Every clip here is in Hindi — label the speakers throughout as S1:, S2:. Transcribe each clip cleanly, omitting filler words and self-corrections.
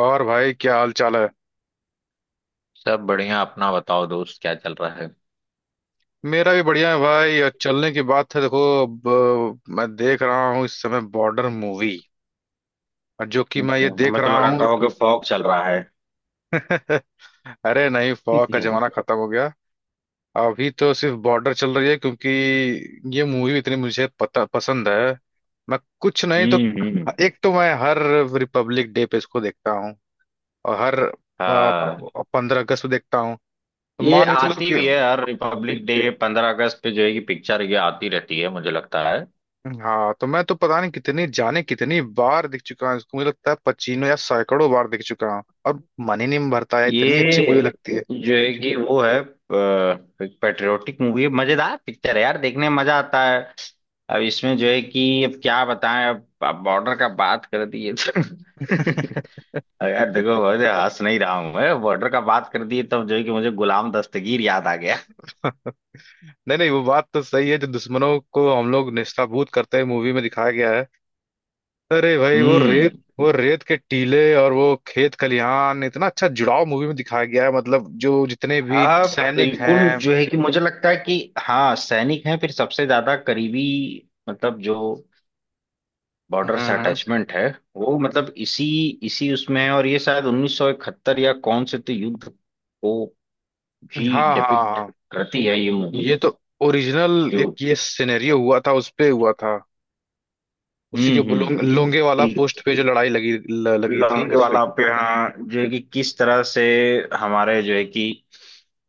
S1: और भाई क्या हाल चाल है।
S2: सब बढ़िया। अपना बताओ दोस्त, क्या चल रहा है?
S1: मेरा भी बढ़िया है भाई और चलने की बात है देखो अब। मैं देख रहा हूँ इस समय बॉर्डर मूवी और जो कि मैं ये देख
S2: हमें तो
S1: रहा
S2: लगा
S1: हूँ।
S2: कहोगे फॉग चल रहा है।
S1: अरे नहीं फौज का
S2: हम्म।
S1: जमाना खत्म हो गया। अभी तो सिर्फ बॉर्डर चल रही है क्योंकि ये मूवी इतनी मुझे पता पसंद है। मैं कुछ नहीं तो
S2: हम्म।
S1: एक तो मैं हर रिपब्लिक डे पे इसको देखता हूँ और हर
S2: हाँ,
S1: 15 अगस्त को देखता हूँ, तो
S2: ये
S1: मान के चलो
S2: आती
S1: कि
S2: भी है हर रिपब्लिक डे पंद्रह अगस्त पे। जो है कि पिक्चर ये आती रहती है मुझे लगता है।
S1: हाँ, तो मैं तो पता नहीं कितनी जाने कितनी बार दिख चुका हूँ इसको। मुझे लगता है पचीनों या सैकड़ों बार दिख चुका हूँ और मन ही नहीं भरता है, इतनी अच्छी
S2: ये
S1: मुझे लगती है।
S2: जो है कि वो है पेट्रियोटिक मूवी है, मजेदार पिक्चर है यार, देखने में मजा आता है। अब इसमें जो है कि अब क्या बताएं, अब बॉर्डर का बात कर दिए तो यार देखो, मुझे हंस नहीं रहा हूं, मैं बॉर्डर का बात कर दिए तब जो है कि मुझे गुलाम दस्तगीर याद आ।
S1: नहीं नहीं, वो बात तो सही है, जो दुश्मनों को हम लोग नेस्ताभूत करते हैं मूवी में दिखाया गया है। अरे भाई
S2: हम्म।
S1: वो रेत के टीले और वो खेत खलिहान इतना अच्छा जुड़ाव मूवी में दिखाया गया है, मतलब जो जितने भी
S2: हाँ
S1: सैनिक हैं।
S2: बिल्कुल, जो है कि मुझे लगता है कि हाँ सैनिक हैं, फिर सबसे ज्यादा करीबी मतलब जो
S1: हम्म,
S2: बॉर्डर से
S1: हम्म।
S2: अटैचमेंट है। वो मतलब इसी इसी उसमें है। और ये शायद 1971 या कौन से तो युद्ध को भी
S1: हाँ हाँ
S2: डिपिक्ट
S1: हाँ।
S2: करती है ये मूवी।
S1: ये तो ओरिजिनल
S2: जो
S1: एक ये सिनेरियो हुआ था, उस पे हुआ था। उसी
S2: हम्म।
S1: के
S2: हम्म।
S1: लोंगे वाला पोस्ट पे जो लड़ाई लगी थी,
S2: लौंग
S1: उस पे।
S2: वाला, आप यहाँ जो है कि किस तरह से हमारे जो है कि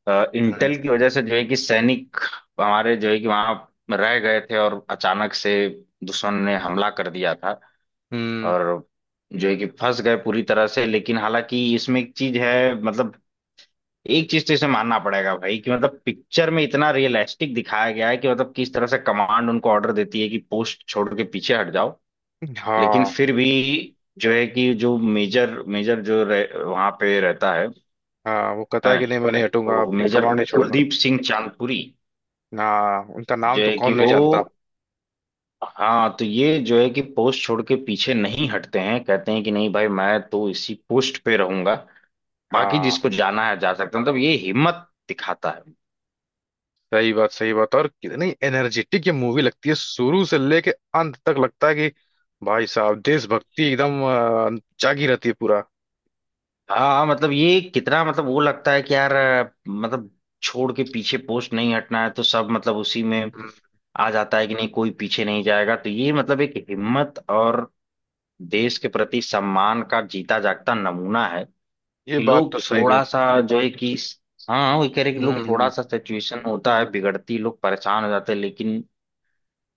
S1: हम्म।
S2: इंटेल की वजह से जो है कि सैनिक हमारे जो है कि वहां रह गए थे और अचानक से दुश्मन ने हमला कर दिया था।
S1: हम्म।
S2: और जो है कि फंस गए पूरी तरह से। लेकिन हालांकि इसमें एक चीज है, मतलब एक चीज तो इसे मानना पड़ेगा भाई कि मतलब पिक्चर में इतना रियलिस्टिक दिखाया गया है कि मतलब किस तरह से कमांड उनको ऑर्डर देती है कि पोस्ट छोड़ के पीछे हट जाओ। लेकिन
S1: हाँ
S2: फिर भी जो है कि जो मेजर मेजर जो रह, वहां पे रहता है,
S1: हाँ, वो कहता है
S2: है।
S1: कि नहीं, मैं नहीं हटूंगा,
S2: तो
S1: अपनी
S2: मेजर
S1: कमांड नहीं छोड़ूंगा।
S2: कुलदीप सिंह चांदपुरी
S1: हाँ उनका नाम
S2: जो
S1: तो
S2: है कि
S1: कौन नहीं
S2: वो
S1: जानता।
S2: हाँ, तो ये जो है कि पोस्ट छोड़ के पीछे नहीं हटते हैं, कहते हैं कि नहीं भाई, मैं तो इसी पोस्ट पे रहूंगा। बाकी
S1: हाँ।
S2: जिसको जाना है जा सकता है, मतलब ये हिम्मत दिखाता है।
S1: सही बात सही बात। और कितनी एनर्जेटिक ये मूवी लगती है, शुरू से लेके अंत तक लगता है कि भाई साहब देशभक्ति एकदम जागी रहती है पूरा।
S2: हाँ मतलब ये कितना, मतलब वो लगता है कि यार, मतलब छोड़ के पीछे पोस्ट नहीं हटना है तो सब मतलब उसी में
S1: हम्म।
S2: आ जाता है कि नहीं कोई पीछे नहीं जाएगा। तो ये मतलब एक हिम्मत और देश के प्रति सम्मान का जीता जागता नमूना है
S1: ये
S2: कि
S1: बात
S2: लोग
S1: तो सही गई।
S2: थोड़ा सा जो है कि हाँ वही कह रहे कि लोग थोड़ा
S1: हम्म
S2: सा सिचुएशन होता है बिगड़ती लोग परेशान हो जाते हैं। लेकिन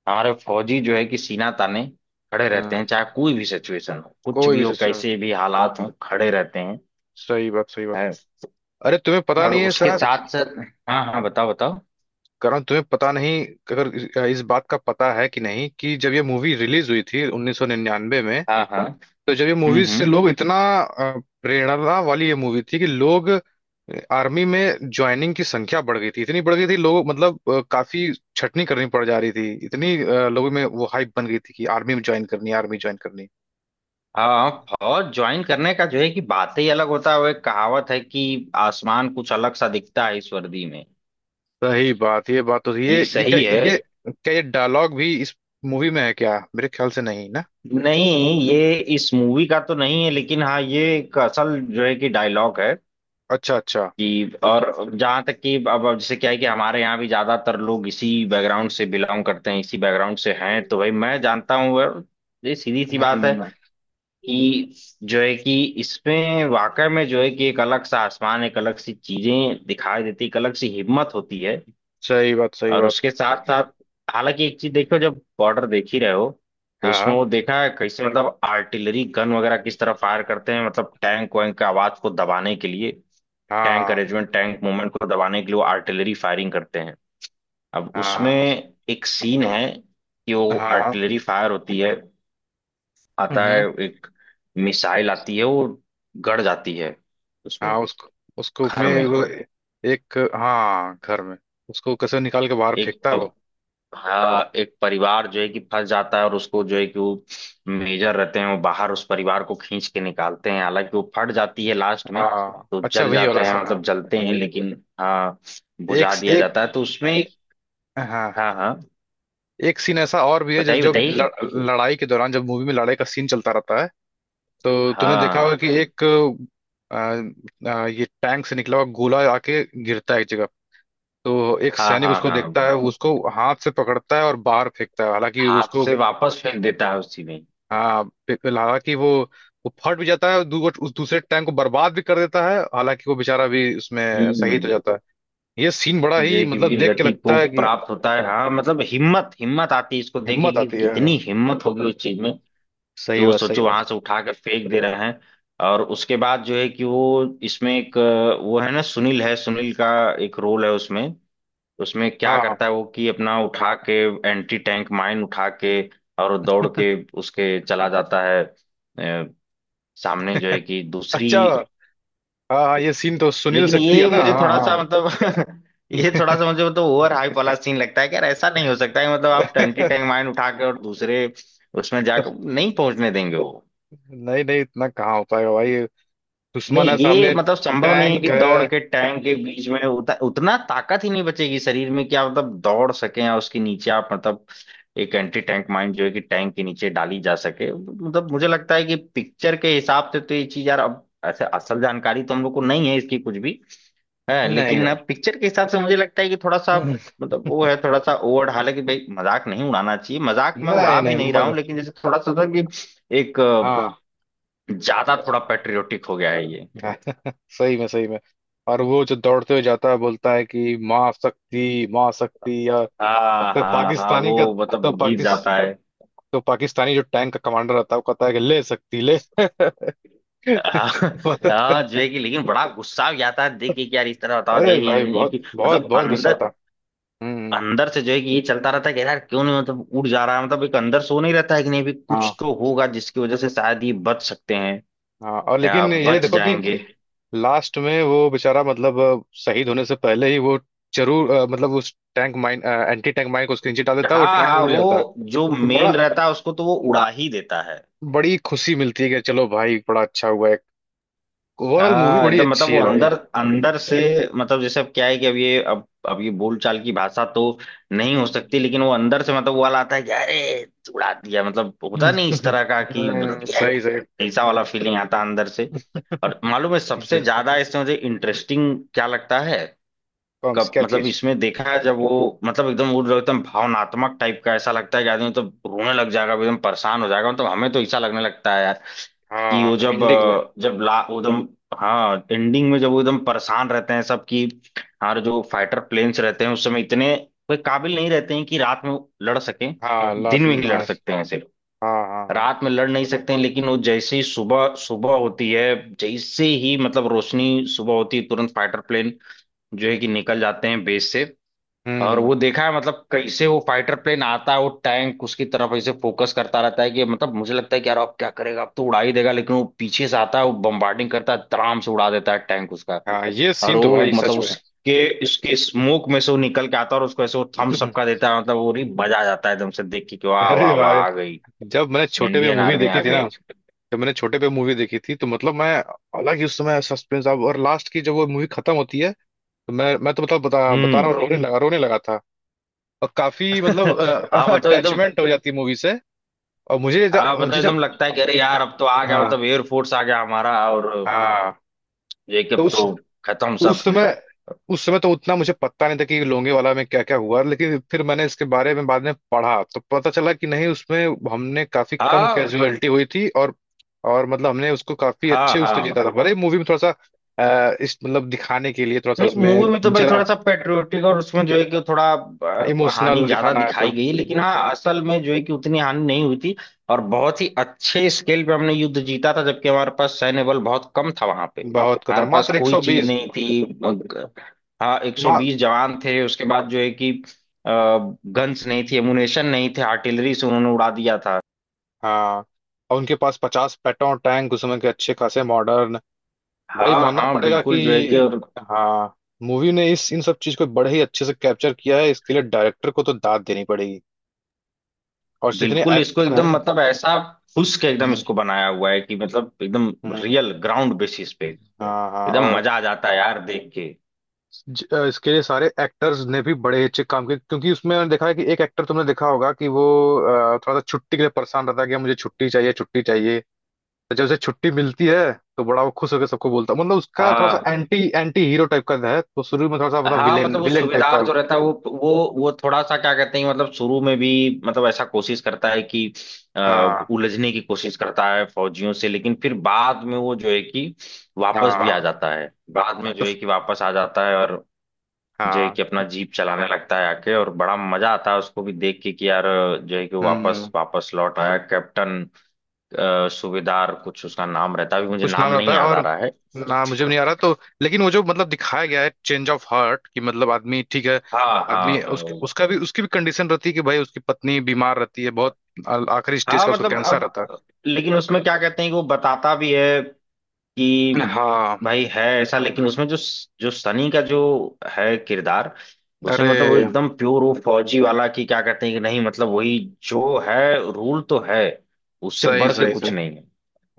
S2: हमारे फौजी जो है कि सीना ताने खड़े रहते
S1: हम्म।
S2: हैं, चाहे कोई भी सिचुएशन हो, कुछ
S1: कोई
S2: भी
S1: भी
S2: हो,
S1: सिचुएशन।
S2: कैसे भी हालात हो, खड़े रहते हैं
S1: सही बात सही बात।
S2: है।
S1: अरे तुम्हें पता
S2: और
S1: नहीं है
S2: उसके
S1: सर।
S2: साथ साथ हाँ हाँ, बताओ बताओ।
S1: कारण तुम्हें पता नहीं, अगर इस बात का पता है कि नहीं, कि जब ये मूवी रिलीज हुई थी 1999 में,
S2: हाँ हाँ।
S1: तो जब ये मूवी से
S2: हम्म।
S1: लोग इतना अ, प्रेरणा वाली ये मूवी थी कि लोग आर्मी में ज्वाइनिंग की संख्या बढ़ गई थी, इतनी बढ़ गई थी, लोग मतलब काफी छटनी करनी पड़ जा रही थी, इतनी लोगों में वो हाइप बन गई थी कि आर्मी में ज्वाइन करनी है, आर्मी ज्वाइन करनी है।
S2: हाँ, और ज्वाइन करने का जो है कि बात ही अलग होता है। वो एक कहावत है कि आसमान कुछ अलग सा दिखता है इस वर्दी में।
S1: सही बात, ये बात तो थी। ये
S2: ये
S1: ये क्या
S2: सही है।
S1: ये क्या ये डायलॉग भी इस मूवी में है क्या? मेरे ख्याल से नहीं ना।
S2: नहीं, ये इस मूवी का तो नहीं है, लेकिन हाँ ये एक असल जो है कि डायलॉग है
S1: अच्छा अच्छा।
S2: कि। और जहाँ तक कि अब जैसे क्या है कि हमारे यहाँ भी ज्यादातर लोग इसी बैकग्राउंड से बिलोंग करते हैं, इसी बैकग्राउंड से हैं। तो भाई मैं जानता हूँ। और ये सीधी सी बात है
S1: हम्म।
S2: कि इसमें वाकई में जो है कि एक अलग सा आसमान, एक अलग सी चीजें दिखाई देती, एक अलग सी हिम्मत होती है।
S1: सही बात सही
S2: और
S1: बात।
S2: उसके साथ साथ हालांकि एक चीज देखो, जब बॉर्डर देख ही रहे हो तो उसमें
S1: हाँ
S2: वो देखा है कैसे मतलब आर्टिलरी गन वगैरह किस तरह फायर करते हैं, मतलब टैंक वैंक का आवाज को दबाने के लिए, टैंक
S1: हाँ
S2: अरेंजमेंट टैंक मूवमेंट को दबाने के लिए वो आर्टिलरी फायरिंग करते हैं। अब उसमें एक सीन है कि वो
S1: हाँ हाँ।
S2: आर्टिलरी फायर होती है, आता है
S1: हम्म।
S2: एक मिसाइल आती है, वो गड़ जाती है उसमें,
S1: हाँ उसको उसको
S2: घर
S1: में
S2: में।
S1: वो, एक, हाँ, घर में। उसको कैसे निकाल के बाहर
S2: एक
S1: फेंकता है
S2: प,
S1: वो।
S2: हाँ एक परिवार जो है कि फंस जाता है, और उसको जो है कि वो मेजर रहते हैं वो बाहर उस परिवार को खींच के निकालते हैं। हालांकि वो फट जाती है लास्ट में,
S1: हाँ
S2: तो
S1: अच्छा,
S2: जल
S1: वही
S2: जाते
S1: वाला
S2: हैं,
S1: सीन,
S2: मतलब
S1: हाँ।
S2: जलते हैं, लेकिन हाँ
S1: एक
S2: बुझा दिया
S1: एक,
S2: जाता है। तो उसमें
S1: हाँ
S2: हाँ हाँ,
S1: एक सीन ऐसा और भी है जो
S2: बताइए
S1: जो
S2: बताइए।
S1: ल- लड़ाई के दौरान जब मूवी में लड़ाई का सीन चलता रहता है, तो तुमने देखा
S2: हाँ
S1: होगा कि एक आ, आ, ये टैंक से निकला हुआ गोला आके गिरता है एक जगह। तो एक
S2: हाँ
S1: सैनिक
S2: हाँ,
S1: उसको
S2: हाँ
S1: देखता है, उसको हाथ से पकड़ता है और बाहर फेंकता है, हालांकि
S2: हाथ
S1: उसको
S2: से वापस फेंक देता है उसी में।
S1: हाँ बिल्कुल, हालांकि वो फट भी जाता है, उस दूसरे टाइम को बर्बाद भी कर देता है, हालांकि वो बेचारा भी उसमें
S2: हम्म।
S1: शहीद हो जाता है। ये सीन बड़ा ही
S2: जय की
S1: मतलब
S2: वीर
S1: देख के
S2: गति को
S1: लगता है कि
S2: प्राप्त होता है। हाँ मतलब हिम्मत, हिम्मत आती है इसको देख के
S1: हिम्मत
S2: कि
S1: आती है।
S2: कितनी हिम्मत होगी उस चीज में कि
S1: सही
S2: वो,
S1: बात सही
S2: सोचो वहां
S1: बात।
S2: से उठा कर फेंक दे रहे हैं। और उसके बाद जो है कि वो इसमें एक वो है ना सुनील है, सुनील का एक रोल है उसमें। उसमें क्या
S1: हाँ हाँ।
S2: करता है वो कि अपना उठा के एंटी टैंक माइन उठा के और दौड़ के उसके चला जाता है, अ, सामने जो है कि दूसरी।
S1: अच्छा, हाँ हाँ, ये सीन तो सुनील
S2: लेकिन
S1: शेट्टी है
S2: ये
S1: ना,
S2: मुझे
S1: हाँ
S2: थोड़ा सा
S1: हाँ।
S2: मतलब ये थोड़ा सा मुझे मतलब ओवर हाइप वाला सीन लगता है कि यार ऐसा नहीं हो सकता है, मतलब आप टंटी टैंक माइन उठा के और दूसरे उसमें जाकर नहीं पहुंचने देंगे वो।
S1: नहीं नहीं इतना कहाँ हो पाएगा भाई, दुश्मन
S2: नहीं,
S1: है
S2: ये
S1: सामने,
S2: मतलब संभव नहीं है कि
S1: टैंक
S2: दौड़
S1: है।
S2: के टैंक के बीच में उतना ताकत ही नहीं बचेगी शरीर में कि आप मतलब दौड़ सके या उसके नीचे आप मतलब एक एंटी टैंक माइन जो है कि टैंक के नीचे डाली जा सके। मतलब मुझे लगता है कि पिक्चर के हिसाब से तो ये चीज यार, अब ऐसे असल जानकारी तो हम लोग को नहीं है इसकी कुछ भी है,
S1: नहीं
S2: लेकिन
S1: नहीं,
S2: अब पिक्चर के हिसाब से मुझे लगता है कि थोड़ा सा मतलब वो है थोड़ा सा ओवर। हालांकि भाई मजाक नहीं उड़ाना चाहिए, मजाक मैं
S1: नहीं
S2: उड़ा भी
S1: नहीं
S2: नहीं रहा
S1: मज
S2: हूँ, लेकिन जैसे थोड़ा सा था कि एक ज्यादा थोड़ा
S1: हाँ।
S2: पेट्रियोटिक हो गया है ये।
S1: सही में सही में। और वो जो दौड़ते हुए जाता है बोलता है कि माँ शक्ति या
S2: हाँ
S1: तो
S2: हाँ हाँ,
S1: पाकिस्तानी का
S2: वो
S1: तो
S2: मतलब गिर
S1: पाकिस
S2: जाता है।
S1: तो पाकिस्तानी जो टैंक का कमांडर रहता है वो कहता है कि ले सकती ले।
S2: हाँ। हाँ, जो है कि लेकिन बड़ा गुस्सा भी आता है देख के कि यार इस तरह बताओ जो
S1: अरे
S2: है
S1: भाई बहुत
S2: कि
S1: बहुत
S2: मतलब
S1: बहुत गुस्सा
S2: अंदर
S1: था। हम्म।
S2: अंदर से जो है कि ये चलता रहता है कि यार क्यों नहीं मतलब उड़ जा रहा है। मतलब एक अंदर सो नहीं रहता है कि नहीं भी
S1: हाँ
S2: कुछ तो होगा जिसकी वजह से शायद ये बच सकते हैं
S1: हाँ, और
S2: या
S1: लेकिन ये
S2: बच
S1: देखो कि
S2: जाएंगे।
S1: लास्ट में वो बेचारा मतलब शहीद होने से पहले ही वो जरूर मतलब उस tank mine anti tank mine को उसके नीचे डाल देता है, वो
S2: हाँ
S1: टैंक
S2: हाँ,
S1: उड़ जाता
S2: वो जो
S1: है।
S2: मेल
S1: बड़ा
S2: रहता है उसको तो वो उड़ा ही देता है।
S1: बड़ी खुशी मिलती है कि चलो भाई बड़ा अच्छा हुआ। ओवरऑल मूवी
S2: हाँ
S1: बड़ी
S2: एकदम, मतलब
S1: अच्छी
S2: वो
S1: है भाई।
S2: अंदर अंदर से मतलब जैसे अब क्या है कि अब ये बोलचाल की भाषा तो नहीं हो सकती, लेकिन वो अंदर से मतलब वो वाला आता है कि अरे उड़ा दिया, मतलब
S1: हम्म,
S2: होता नहीं इस तरह का कि मतलब
S1: हम्म। सही सही।
S2: ये ऐसा वाला फीलिंग आता है अंदर से। और मालूम है
S1: सही
S2: सबसे
S1: सही।
S2: ज्यादा इसमें मुझे इंटरेस्टिंग क्या लगता है,
S1: कौन
S2: कब
S1: क्या
S2: मतलब
S1: चीज?
S2: इसमें देखा है जब वो मतलब एकदम वो जो एकदम भावनात्मक टाइप का, ऐसा लगता है कि आदमी तो रोने लग जाएगा, एकदम परेशान हो जाएगा, मतलब हमें तो ऐसा लगने लगता है यार कि वो
S1: हाँ
S2: जब
S1: एंडिंग में।
S2: जब ला वो एकदम। हाँ एंडिंग में जब वो एकदम परेशान रहते हैं सब कि हमारे जो फाइटर प्लेन्स रहते हैं उस समय इतने कोई काबिल नहीं रहते हैं कि रात में लड़ सकें,
S1: हाँ लात
S2: दिन में ही लड़
S1: हाँ।
S2: सकते हैं सिर्फ,
S1: हाँ हाँ।
S2: रात में लड़ नहीं सकते हैं। लेकिन वो जैसे ही सुबह सुबह होती है, जैसे ही मतलब रोशनी सुबह होती है, तुरंत फाइटर प्लेन जो है कि निकल जाते हैं बेस से। और
S1: हम्म।
S2: वो देखा है मतलब कैसे वो फाइटर प्लेन आता है, वो टैंक उसकी तरफ ऐसे फोकस करता रहता है कि मतलब मुझे लगता है कि यार अब क्या करेगा, अब तो उड़ा ही देगा, लेकिन वो पीछे से आता है, वो बम्बार्डिंग करता है, तराम से उड़ा देता है टैंक उसका।
S1: हाँ ये
S2: और
S1: सीन तो
S2: वो
S1: भाई
S2: मतलब
S1: सच में।
S2: उसके उसके स्मोक में से वो निकल के आता है, और उसको ऐसे वो थम्स अप का देता है, मतलब वो नहीं बजा जाता है एकदम से देख के कि वाह वाह
S1: अरे
S2: वाह
S1: भाई
S2: आ गई
S1: जब मैंने छोटे पे
S2: इंडियन
S1: मूवी
S2: आर्मी आ
S1: देखी थी ना,
S2: गई।
S1: जब मैंने छोटे पे मूवी देखी थी, तो मतलब मैं, हालांकि उस समय सस्पेंस अब और लास्ट की जब वो मूवी खत्म होती है, तो मैं तो मतलब बता बता रहा हूँ,
S2: हम्म।
S1: रोने लगा था। और काफी मतलब
S2: हाँ मतलब एकदम।
S1: अटैचमेंट हो जाती है मूवी से। और मुझे जब
S2: हाँ मतलब
S1: मुझे जब
S2: एकदम लगता है कि अरे यार अब तो आ गया,
S1: हाँ
S2: मतलब एयरफोर्स आ गया हमारा, और
S1: हाँ,
S2: ये कि
S1: तो
S2: अब तो खत्म
S1: उस
S2: सब।
S1: समय उस समय तो उतना मुझे पता नहीं था कि लोंगे वाला में क्या क्या हुआ, लेकिन फिर मैंने इसके बारे में बाद में पढ़ा, तो पता चला कि नहीं, उसमें हमने काफी कम
S2: हाँ
S1: कैजुअलिटी हुई थी और मतलब हमने उसको काफी
S2: हाँ
S1: अच्छे, उसने जीता था,
S2: हाँ,
S1: भले मूवी में थोड़ा सा इस मतलब दिखाने के लिए थोड़ा सा
S2: नहीं मूवी
S1: उसमें
S2: में तो भाई
S1: जरा
S2: थोड़ा सा पेट्रियोटिक और उसमें जो है कि थोड़ा हानि
S1: इमोशनल
S2: ज्यादा
S1: दिखाना है तो।
S2: दिखाई गई, लेकिन हाँ असल में जो है कि उतनी हानि नहीं हुई थी। और बहुत ही अच्छे स्केल पे हमने युद्ध जीता था, जबकि हमारे पास सैन्य बल बहुत कम था वहां पे।
S1: बहुत
S2: हमारे
S1: कदम
S2: पास
S1: मात्र एक
S2: कोई
S1: सौ
S2: चीज
S1: बीस
S2: नहीं थी हाँ
S1: मा,
S2: 120 जवान थे। उसके बाद जो है कि गन्स नहीं थी, एमुनेशन नहीं थे, आर्टिलरी से उन्होंने उड़ा दिया था।
S1: हाँ। और उनके पास 50 पेट्रोल टैंक उस समय के अच्छे खासे मॉडर्न। भाई
S2: हाँ
S1: मानना
S2: हाँ
S1: पड़ेगा कि
S2: बिल्कुल, जो है कि और
S1: हाँ, मूवी ने इस इन सब चीज को बड़े ही अच्छे से कैप्चर किया है, इसके लिए डायरेक्टर को तो दाद देनी पड़ेगी। और जितने
S2: बिल्कुल इसको
S1: एक्टर
S2: एकदम
S1: हैं
S2: मतलब ऐसा फुस के एकदम
S1: हम्म
S2: इसको बनाया हुआ है कि मतलब एकदम
S1: हम्म,
S2: रियल ग्राउंड बेसिस पे
S1: हाँ हाँ,
S2: एकदम
S1: और
S2: मजा आ जाता है यार देख के।
S1: इसके लिए सारे एक्टर्स ने भी बड़े ही अच्छे काम किए, क्योंकि उसमें मैंने देखा है कि एक एक्टर तुमने देखा होगा कि वो थोड़ा सा छुट्टी के लिए परेशान रहता है कि मुझे छुट्टी चाहिए छुट्टी चाहिए। तो जब उसे छुट्टी मिलती है, तो बड़ा वो खुश होकर सबको बोलता है, मतलब उसका थोड़ा
S2: हाँ
S1: सा एंटी एंटी हीरो टाइप का है, तो शुरू में थोड़ा सा मतलब
S2: हाँ,
S1: विलेन
S2: मतलब वो
S1: विलेन टाइप का।
S2: सूबेदार जो रहता है, वो वो थोड़ा सा क्या कहते हैं, मतलब शुरू में भी मतलब ऐसा कोशिश करता है कि अ,
S1: हाँ
S2: उलझने की कोशिश करता है फौजियों से, लेकिन फिर बाद में वो जो है कि वापस भी आ
S1: हाँ,
S2: जाता है, बाद में जो
S1: तो
S2: है कि वापस आ जाता है। और जो है
S1: हाँ।
S2: कि अपना जीप चलाने लगता है आके, और बड़ा मजा आता है उसको भी देख के कि यार जो है कि वो वापस
S1: हम्म।
S2: वापस लौट आया कैप्टन सूबेदार कुछ उसका नाम रहता है, अभी मुझे
S1: कुछ
S2: नाम
S1: नाम रहता
S2: नहीं
S1: है
S2: याद आ
S1: और
S2: रहा है।
S1: ना, मुझे भी नहीं आ रहा तो। लेकिन वो जो मतलब दिखाया गया है, चेंज ऑफ हार्ट, कि मतलब आदमी ठीक है।
S2: हाँ हाँ
S1: आदमी
S2: हाँ,
S1: उसका भी उसकी भी कंडीशन रहती है कि भाई उसकी पत्नी बीमार रहती है बहुत, आखिरी स्टेज
S2: हाँ
S1: का उसको
S2: मतलब
S1: कैंसर रहता
S2: अब लेकिन उसमें क्या कहते हैं कि वो बताता भी है
S1: है।
S2: कि
S1: हाँ।
S2: भाई है ऐसा, लेकिन उसमें जो, जो सनी का जो है किरदार, उसमें
S1: अरे,
S2: मतलब वो एकदम प्योर वो फौजी वाला कि क्या कहते हैं कि नहीं, मतलब वही जो है रूल तो है, उससे
S1: सही
S2: बढ़ के
S1: सही
S2: कुछ
S1: सही।
S2: नहीं है।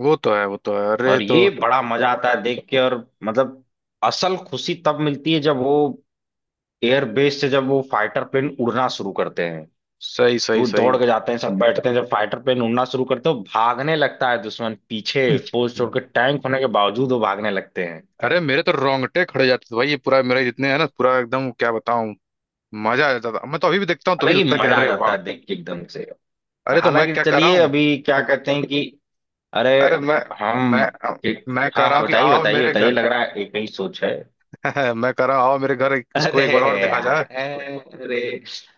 S1: वो तो है वो तो है, अरे
S2: और
S1: तो,
S2: ये बड़ा मजा आता है देख के। और मतलब असल खुशी तब मिलती है जब वो एयरबेस से जब वो फाइटर प्लेन उड़ना शुरू करते हैं,
S1: सही सही
S2: वो दौड़
S1: सही।
S2: के जाते हैं सब बैठते हैं, जब फाइटर प्लेन उड़ना शुरू करते हो भागने लगता है दुश्मन पीछे, पोस्ट छोड़
S1: हम्म।
S2: के टैंक होने के बावजूद वो भागने लगते हैं।
S1: अरे मेरे तो रोंगटे खड़े जाते थे भाई, ये पूरा मेरे जितने है ना पूरा, एकदम क्या बताऊं। मजा आ जाता था, मैं तो अभी भी देखता हूँ तो भी
S2: हालांकि
S1: लगता है कि
S2: मजा आ
S1: अरे
S2: जाता
S1: वाह।
S2: है देख के एकदम से।
S1: अरे तो मैं
S2: हालांकि
S1: क्या कर रहा
S2: चलिए,
S1: हूँ,
S2: अभी क्या कहते हैं कि अरे
S1: अरे
S2: हम
S1: मैं
S2: एक,
S1: मैं कह
S2: हाँ
S1: रहा
S2: हाँ
S1: हूँ कि
S2: बताइए
S1: आओ
S2: बताइए
S1: मेरे
S2: बताइए,
S1: घर।
S2: लग रहा है एक ही सोच है।
S1: मैं कह रहा हूँ आओ मेरे घर, इसको
S2: अरे
S1: एक बार और देखा
S2: यार,
S1: जाए।
S2: अरे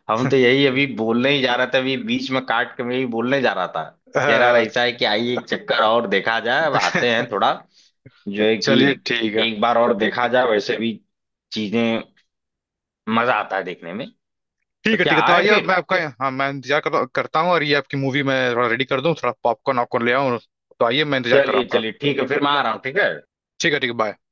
S2: हम तो यही अभी बोलने ही जा रहा था, अभी बीच में काट के मैं यही बोलने जा रहा था। कह रहा
S1: अ,
S2: ऐसा है कि आइए एक चक्कर और देखा जाए, अब आते हैं थोड़ा जो है कि
S1: चलिए ठीक है।
S2: एक बार और देखा जाए, वैसे भी चीजें मजा आता है देखने में। तो
S1: ठीक है
S2: क्या
S1: ठीक है, तो
S2: आए
S1: आइए मैं
S2: फिर।
S1: आपका, हाँ, मैं इंतजार करता करता हूँ, और ये आपकी मूवी मैं थोड़ा रेडी कर दूँ, थोड़ा पॉपकॉर्न वॉपकॉर्न ले आऊँ। तो आइए, मैं इंतजार कर रहा
S2: चलिए
S1: हूँ आपका।
S2: चलिए ठीक है, फिर मैं आ रहा हूँ, ठीक है।
S1: ठीक है बाय।